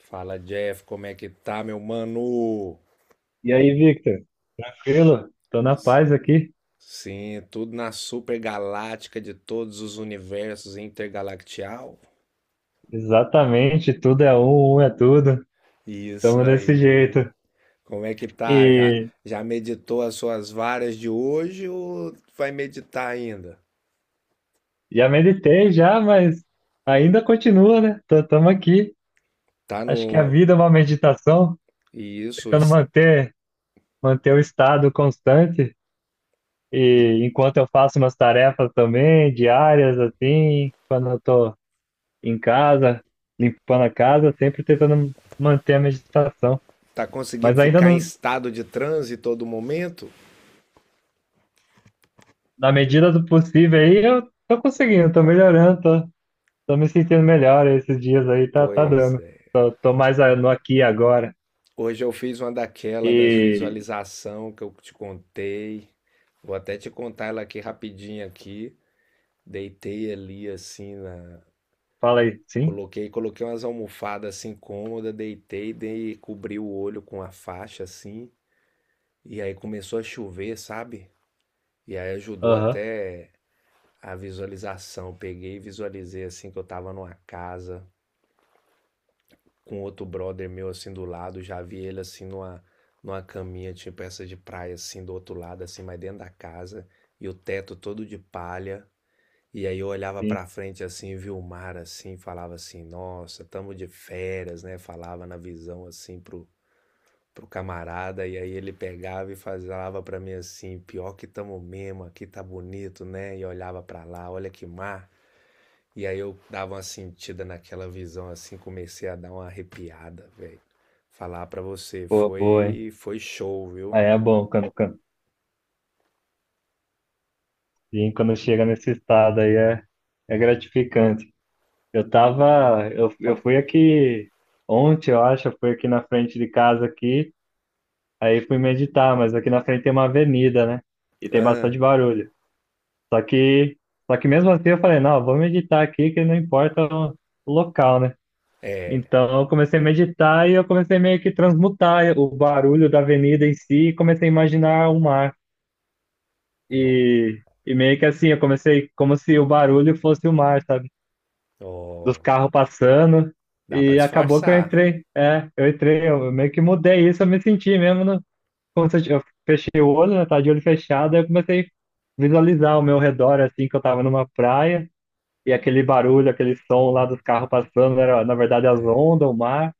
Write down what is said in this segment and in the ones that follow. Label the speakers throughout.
Speaker 1: Fala, Jeff, como é que tá, meu mano?
Speaker 2: E aí, Victor? Tranquilo? Tô na paz aqui.
Speaker 1: Sim, tudo na super galáctica de todos os universos intergalactial.
Speaker 2: Exatamente, tudo é um, um é tudo.
Speaker 1: Isso
Speaker 2: Tamo desse
Speaker 1: aí.
Speaker 2: jeito.
Speaker 1: Como é que tá? Já,
Speaker 2: E
Speaker 1: já meditou as suas varas de hoje ou vai meditar ainda?
Speaker 2: já meditei já, mas ainda continua, né? Tamo aqui.
Speaker 1: Tá
Speaker 2: Acho que a
Speaker 1: no.
Speaker 2: vida é uma meditação,
Speaker 1: Isso,
Speaker 2: tentando manter o estado constante. E enquanto eu faço umas tarefas também, diárias, assim, quando eu tô em casa, limpando a casa, sempre tentando manter a meditação.
Speaker 1: tá conseguindo
Speaker 2: Mas ainda
Speaker 1: ficar em
Speaker 2: não,
Speaker 1: estado de transe todo momento?
Speaker 2: na medida do possível aí, eu tô conseguindo, tô melhorando, tô me sentindo melhor esses dias aí, tá, tá
Speaker 1: Pois
Speaker 2: dando.
Speaker 1: é.
Speaker 2: Tô mais no aqui e agora.
Speaker 1: Hoje eu fiz uma daquela das
Speaker 2: E
Speaker 1: visualização que eu te contei. Vou até te contar ela aqui rapidinho aqui. Deitei ali assim na
Speaker 2: fala aí, sim?
Speaker 1: coloquei umas almofadas assim cômoda, deitei, dei cobri o olho com a faixa assim, e aí começou a chover, sabe? E aí ajudou
Speaker 2: Aham,
Speaker 1: até a visualização. Peguei e visualizei assim que eu tava numa casa com outro brother meu assim do lado, já vi ele assim numa, numa caminha, tipo essa de praia, assim do outro lado, assim, mas dentro da casa, e o teto todo de palha. E aí eu olhava
Speaker 2: sim.
Speaker 1: pra frente assim, via o mar assim, falava assim, nossa, tamo de férias, né? Falava na visão assim pro, pro camarada, e aí ele pegava e falava pra mim assim, pior que tamo mesmo, aqui tá bonito, né? E olhava pra lá, olha que mar. E aí eu dava uma sentida naquela visão assim, comecei a dar uma arrepiada, velho. Falar pra você,
Speaker 2: Boa, boa, hein?
Speaker 1: foi show, viu?
Speaker 2: Aí é bom quando, sim, quando chega nesse estado aí é, é gratificante. Eu fui aqui ontem, eu acho, eu fui aqui na frente de casa aqui, aí fui meditar, mas aqui na frente tem uma avenida, né? E tem
Speaker 1: Ah,
Speaker 2: bastante barulho. Só que, Só que mesmo assim eu falei, não, vou meditar aqui que não importa o local, né?
Speaker 1: é,
Speaker 2: Então eu comecei a meditar e eu comecei meio que transmutar o barulho da avenida em si e comecei a imaginar o mar.
Speaker 1: não.
Speaker 2: E, e meio que assim, eu comecei como se o barulho fosse o mar, sabe? Dos
Speaker 1: Ó,
Speaker 2: carros passando.
Speaker 1: dá pra
Speaker 2: E acabou que
Speaker 1: disfarçar.
Speaker 2: eu entrei, eu meio que mudei isso, eu me senti mesmo, no, como se eu, eu fechei o olho, né, tava de olho fechado, aí eu comecei a visualizar o meu redor, assim, que eu tava numa praia. E aquele barulho, aquele som lá dos carros passando, era na verdade as
Speaker 1: É,
Speaker 2: ondas, o mar.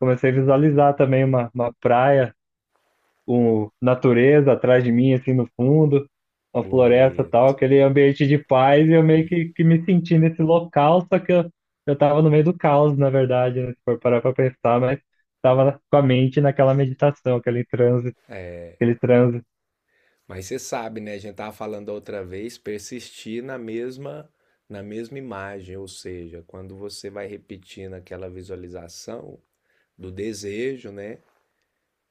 Speaker 2: Comecei a visualizar também uma praia, um, natureza atrás de mim, assim no fundo, uma floresta e tal,
Speaker 1: bonito.
Speaker 2: aquele ambiente de paz. E eu meio que me senti nesse local, só que eu tava no meio do caos, na verdade, né, se for parar pra pensar, mas tava com a mente naquela meditação, aquele transe,
Speaker 1: Mas você sabe, né? A gente tava falando outra vez, persistir na mesma imagem, ou seja, quando você vai repetindo aquela visualização do desejo, né?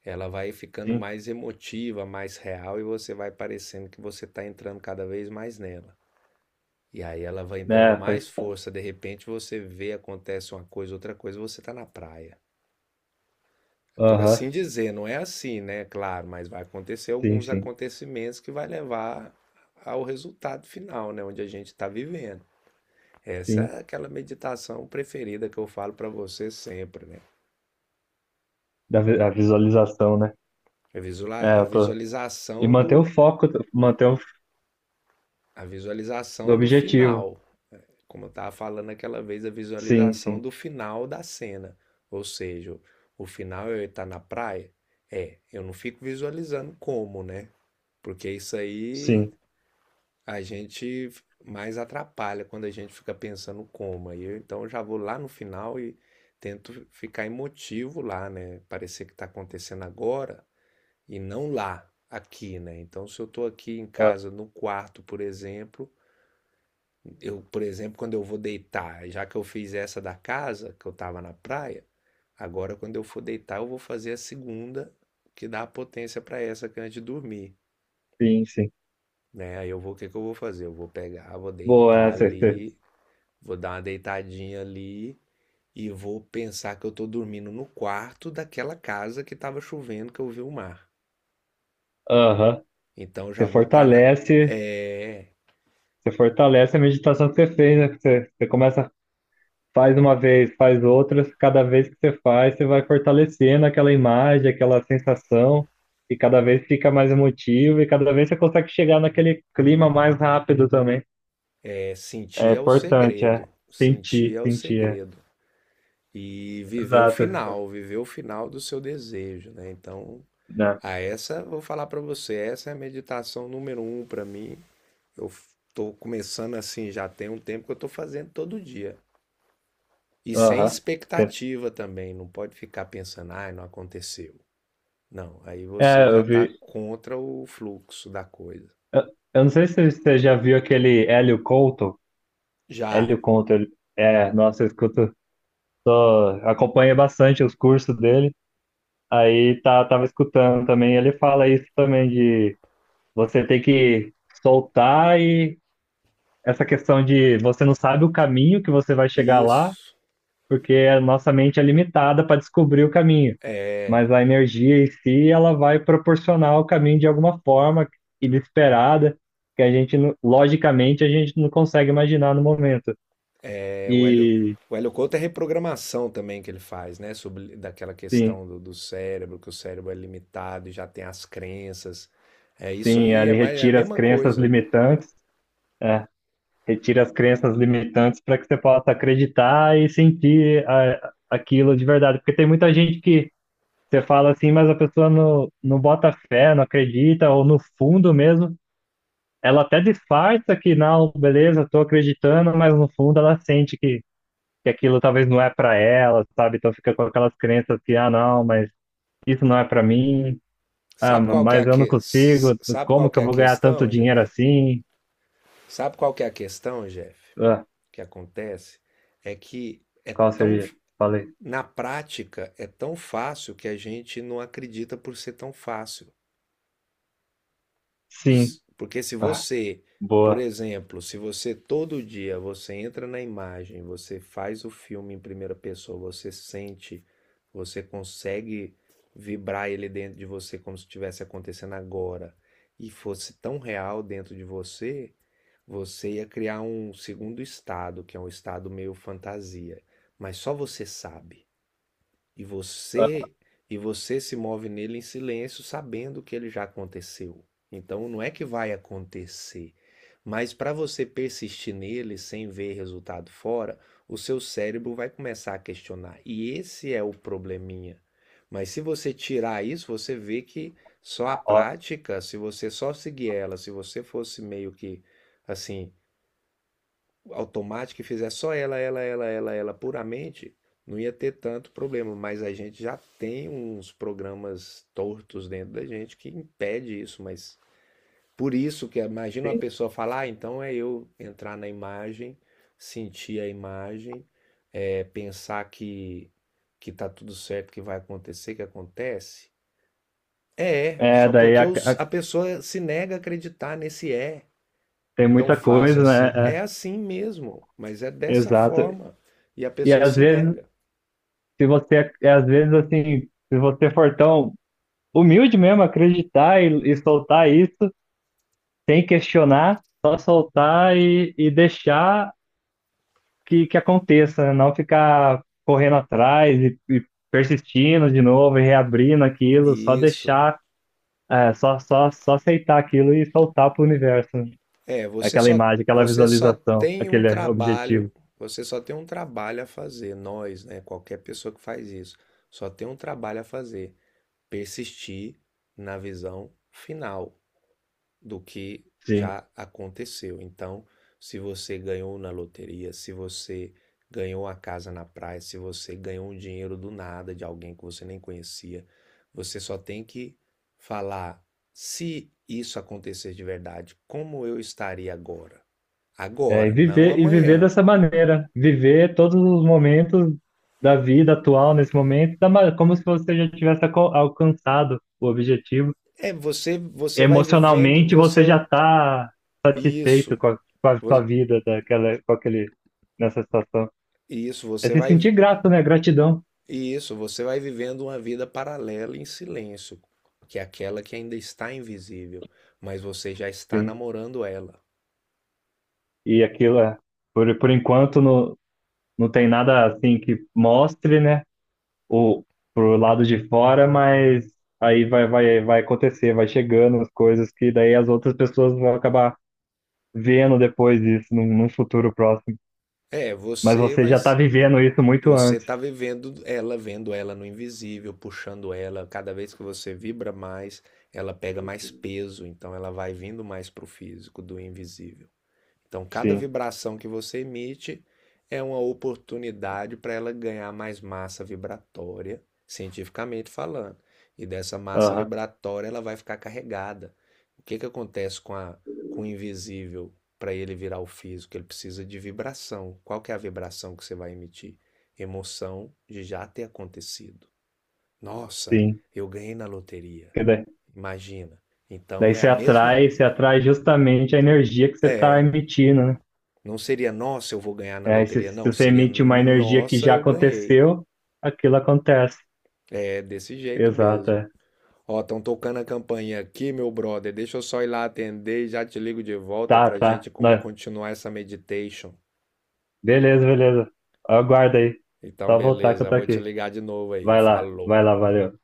Speaker 1: Ela vai ficando
Speaker 2: sim,
Speaker 1: mais emotiva, mais real e você vai parecendo que você está entrando cada vez mais nela. E aí ela vai dando
Speaker 2: né? Faz.
Speaker 1: mais força, de repente você vê, acontece uma coisa, outra coisa, você está na praia. É. Por assim
Speaker 2: Aham,
Speaker 1: dizer, não é assim, né? Claro, mas vai acontecer
Speaker 2: sim,
Speaker 1: alguns
Speaker 2: sim,
Speaker 1: acontecimentos que vai levar ao resultado final, né? Onde a gente está vivendo. Essa
Speaker 2: sim.
Speaker 1: é aquela meditação preferida que eu falo para você sempre, né?
Speaker 2: Da a visualização, né? É,
Speaker 1: A
Speaker 2: eu tô. E
Speaker 1: visualização
Speaker 2: manter o
Speaker 1: do
Speaker 2: foco, manter o
Speaker 1: a
Speaker 2: do
Speaker 1: visualização do
Speaker 2: objetivo.
Speaker 1: final, como eu estava falando aquela vez, a
Speaker 2: Sim,
Speaker 1: visualização
Speaker 2: sim,
Speaker 1: do final da cena. Ou seja, o final é eu estar na praia? É, eu não fico visualizando como, né? Porque isso aí
Speaker 2: sim.
Speaker 1: a gente mais atrapalha quando a gente fica pensando como. Aí eu então eu já vou lá no final e tento ficar emotivo lá, né? Parecer que está acontecendo agora e não lá, aqui, né? Então se eu estou aqui em
Speaker 2: Ah,
Speaker 1: casa, no quarto, por exemplo quando eu vou deitar, já que eu fiz essa da casa, que eu tava na praia, agora quando eu for deitar, eu vou fazer a segunda que dá a potência pra essa que é antes de dormir,
Speaker 2: sim, sim.
Speaker 1: né? Aí eu vou, o que que eu vou fazer? Eu vou pegar, vou
Speaker 2: Boa
Speaker 1: deitar
Speaker 2: essa. Você,
Speaker 1: ali, vou dar uma deitadinha ali e vou pensar que eu tô dormindo no quarto daquela casa que tava chovendo, que eu vi o mar.
Speaker 2: aham.
Speaker 1: Então
Speaker 2: Você
Speaker 1: já vou estar na é,
Speaker 2: fortalece, você fortalece a meditação que você fez, né? Você, você começa, faz uma vez, faz outras, cada vez que você faz, você vai fortalecendo aquela imagem, aquela sensação, e cada vez fica mais emotivo, e cada vez você consegue chegar naquele clima mais rápido também.
Speaker 1: é
Speaker 2: É
Speaker 1: sentir é o
Speaker 2: importante, é.
Speaker 1: segredo, sentir
Speaker 2: Sentir,
Speaker 1: é o
Speaker 2: sentir, é.
Speaker 1: segredo. E
Speaker 2: Exato.
Speaker 1: viver o final do seu desejo, né? Então,
Speaker 2: Né?
Speaker 1: a essa vou falar para você, essa é a meditação número um para mim. Eu estou começando assim, já tem um tempo que eu estou fazendo todo dia. E sem
Speaker 2: Aham.
Speaker 1: expectativa também, não pode ficar pensando, ai, não aconteceu. Não, aí você
Speaker 2: É,
Speaker 1: já
Speaker 2: eu
Speaker 1: está
Speaker 2: vi.
Speaker 1: contra o fluxo da coisa.
Speaker 2: Eu, eu não sei se você já viu aquele Hélio Couto.
Speaker 1: Já,
Speaker 2: Hélio Couto, é, nossa, eu escuto, ó, acompanho bastante os cursos dele. Aí tá, tava escutando também. Ele fala isso também de você ter que soltar e essa questão de você não sabe o caminho que você vai chegar lá,
Speaker 1: isso,
Speaker 2: porque a nossa mente é limitada para descobrir o caminho.
Speaker 1: é.
Speaker 2: Mas a energia em si, ela vai proporcionar o caminho de alguma forma inesperada, que a gente, logicamente, a gente não consegue imaginar no momento.
Speaker 1: É,
Speaker 2: E
Speaker 1: o Hélio Couto é reprogramação também que ele faz, né? Sobre daquela
Speaker 2: sim,
Speaker 1: questão do cérebro, que o cérebro é limitado e já tem as crenças. É isso
Speaker 2: sim,
Speaker 1: aí, é,
Speaker 2: ele
Speaker 1: mais, é a
Speaker 2: retira as
Speaker 1: mesma
Speaker 2: crenças
Speaker 1: coisa.
Speaker 2: limitantes, é, retira as crenças limitantes para que você possa acreditar e sentir aquilo de verdade. Porque tem muita gente que você fala assim, mas a pessoa não bota fé, não acredita, ou no fundo mesmo ela até disfarça que não, beleza, tô acreditando, mas no fundo ela sente que aquilo talvez não é pra ela, sabe? Então fica com aquelas crenças que, ah, não, mas isso não é pra mim, ah,
Speaker 1: Sabe qual que é
Speaker 2: mas
Speaker 1: a
Speaker 2: eu não
Speaker 1: que...
Speaker 2: consigo,
Speaker 1: sabe
Speaker 2: como
Speaker 1: qual
Speaker 2: que
Speaker 1: que
Speaker 2: eu
Speaker 1: é a
Speaker 2: vou ganhar tanto
Speaker 1: questão, Jeff?
Speaker 2: dinheiro assim?
Speaker 1: Sabe qual que é a questão, Jeff?
Speaker 2: Ah,
Speaker 1: Que acontece é que é
Speaker 2: qual
Speaker 1: tão
Speaker 2: seria? Falei.
Speaker 1: na prática é tão fácil que a gente não acredita por ser tão fácil.
Speaker 2: Sim.
Speaker 1: Porque se
Speaker 2: Ah,
Speaker 1: você, por
Speaker 2: boa.
Speaker 1: exemplo, se você todo dia você entra na imagem, você faz o filme em primeira pessoa, você sente, você consegue vibrar ele dentro de você como se estivesse acontecendo agora, e fosse tão real dentro de você, você ia criar um segundo estado, que é um estado meio fantasia, mas só você sabe. E
Speaker 2: Ah,
Speaker 1: você e você se move nele em silêncio, sabendo que ele já aconteceu. Então não é que vai acontecer, mas para você persistir nele sem ver resultado fora, o seu cérebro vai começar a questionar. E esse é o probleminha. Mas se você tirar isso, você vê que só a
Speaker 2: ó,
Speaker 1: prática, se você só seguir ela, se você fosse meio que assim, automática e fizer só ela, ela, ela, ela, ela puramente, não ia ter tanto problema. Mas a gente já tem uns programas tortos dentro da gente que impede isso. Mas por isso que imagina uma
Speaker 2: sim.
Speaker 1: pessoa falar, ah, então é eu entrar na imagem, sentir a imagem, é, pensar que tá tudo certo, que vai acontecer, que acontece. É,
Speaker 2: É,
Speaker 1: só
Speaker 2: daí
Speaker 1: porque a pessoa se nega a acreditar nesse é
Speaker 2: tem
Speaker 1: tão
Speaker 2: muita
Speaker 1: fácil
Speaker 2: coisa,
Speaker 1: assim.
Speaker 2: né?
Speaker 1: É assim mesmo, mas é
Speaker 2: É,
Speaker 1: dessa
Speaker 2: exato.
Speaker 1: forma. E a
Speaker 2: E
Speaker 1: pessoa
Speaker 2: às
Speaker 1: se
Speaker 2: vezes,
Speaker 1: nega.
Speaker 2: se você, é, às vezes assim, se você for tão humilde mesmo, acreditar e soltar isso, sem questionar, só soltar e deixar que aconteça, né? Não ficar correndo atrás e persistindo de novo e reabrindo aquilo, só
Speaker 1: Isso.
Speaker 2: deixar, é, só aceitar aquilo e soltar para o universo, né?
Speaker 1: É, você
Speaker 2: Aquela
Speaker 1: só,
Speaker 2: imagem, aquela
Speaker 1: você só
Speaker 2: visualização,
Speaker 1: tem um
Speaker 2: aquele objetivo.
Speaker 1: trabalho, você só tem um trabalho a fazer. Nós, né? Qualquer pessoa que faz isso, só tem um trabalho a fazer. Persistir na visão final do que
Speaker 2: Sim.
Speaker 1: já aconteceu. Então, se você ganhou na loteria, se você ganhou a casa na praia, se você ganhou um dinheiro do nada de alguém que você nem conhecia, você só tem que falar se isso acontecer de verdade, como eu estaria agora?
Speaker 2: É, e
Speaker 1: Agora, não
Speaker 2: viver
Speaker 1: amanhã.
Speaker 2: dessa maneira, viver todos os momentos da vida atual nesse momento, da como se você já tivesse alcançado o objetivo.
Speaker 1: É você, você vai vivendo,
Speaker 2: Emocionalmente,
Speaker 1: você
Speaker 2: você já está satisfeito
Speaker 1: isso,
Speaker 2: com a sua vida daquela, com aquele, nessa situação.
Speaker 1: isso
Speaker 2: É
Speaker 1: você
Speaker 2: se
Speaker 1: vai
Speaker 2: sentir grato, né? Gratidão,
Speaker 1: E Isso, você vai vivendo uma vida paralela em silêncio, que é aquela que ainda está invisível, mas você já está
Speaker 2: sim.
Speaker 1: namorando ela.
Speaker 2: E aquilo, é, por enquanto, não, não tem nada assim que mostre, né? O pro lado de fora, mas aí vai acontecer, vai chegando as coisas que daí as outras pessoas vão acabar vendo depois disso, num futuro próximo.
Speaker 1: É,
Speaker 2: Mas
Speaker 1: você
Speaker 2: você
Speaker 1: vai,
Speaker 2: já tá vivendo isso muito
Speaker 1: você
Speaker 2: antes.
Speaker 1: está vivendo ela, vendo ela no invisível, puxando ela. Cada vez que você vibra mais, ela pega mais peso, então ela vai vindo mais para o físico, do invisível. Então, cada
Speaker 2: Sim.
Speaker 1: vibração que você emite é uma oportunidade para ela ganhar mais massa vibratória, cientificamente falando. E dessa massa
Speaker 2: Aham,
Speaker 1: vibratória ela vai ficar carregada. O que, que acontece com o invisível para ele virar o físico? Ele precisa de vibração. Qual que é a vibração que você vai emitir? Emoção de já ter acontecido. Nossa,
Speaker 2: sim.
Speaker 1: eu ganhei na loteria.
Speaker 2: Porque daí,
Speaker 1: Imagina.
Speaker 2: daí
Speaker 1: Então é a mesma.
Speaker 2: você atrai justamente a energia que você está
Speaker 1: É,
Speaker 2: emitindo, né?
Speaker 1: não seria nossa, eu vou ganhar na
Speaker 2: É,
Speaker 1: loteria,
Speaker 2: se
Speaker 1: não.
Speaker 2: você
Speaker 1: Seria
Speaker 2: emite uma energia que
Speaker 1: nossa,
Speaker 2: já
Speaker 1: eu ganhei.
Speaker 2: aconteceu, aquilo acontece.
Speaker 1: É desse jeito
Speaker 2: Exato.
Speaker 1: mesmo.
Speaker 2: É.
Speaker 1: Ó, estão tocando a campainha aqui, meu brother. Deixa eu só ir lá atender e já te ligo de volta
Speaker 2: Tá,
Speaker 1: pra
Speaker 2: tá.
Speaker 1: gente
Speaker 2: Não,
Speaker 1: continuar essa meditation.
Speaker 2: beleza, beleza. Aguarda aí.
Speaker 1: Então,
Speaker 2: Só voltar que eu
Speaker 1: beleza,
Speaker 2: tô
Speaker 1: vou te
Speaker 2: aqui.
Speaker 1: ligar de novo aí.
Speaker 2: Vai
Speaker 1: Falou.
Speaker 2: lá, valeu.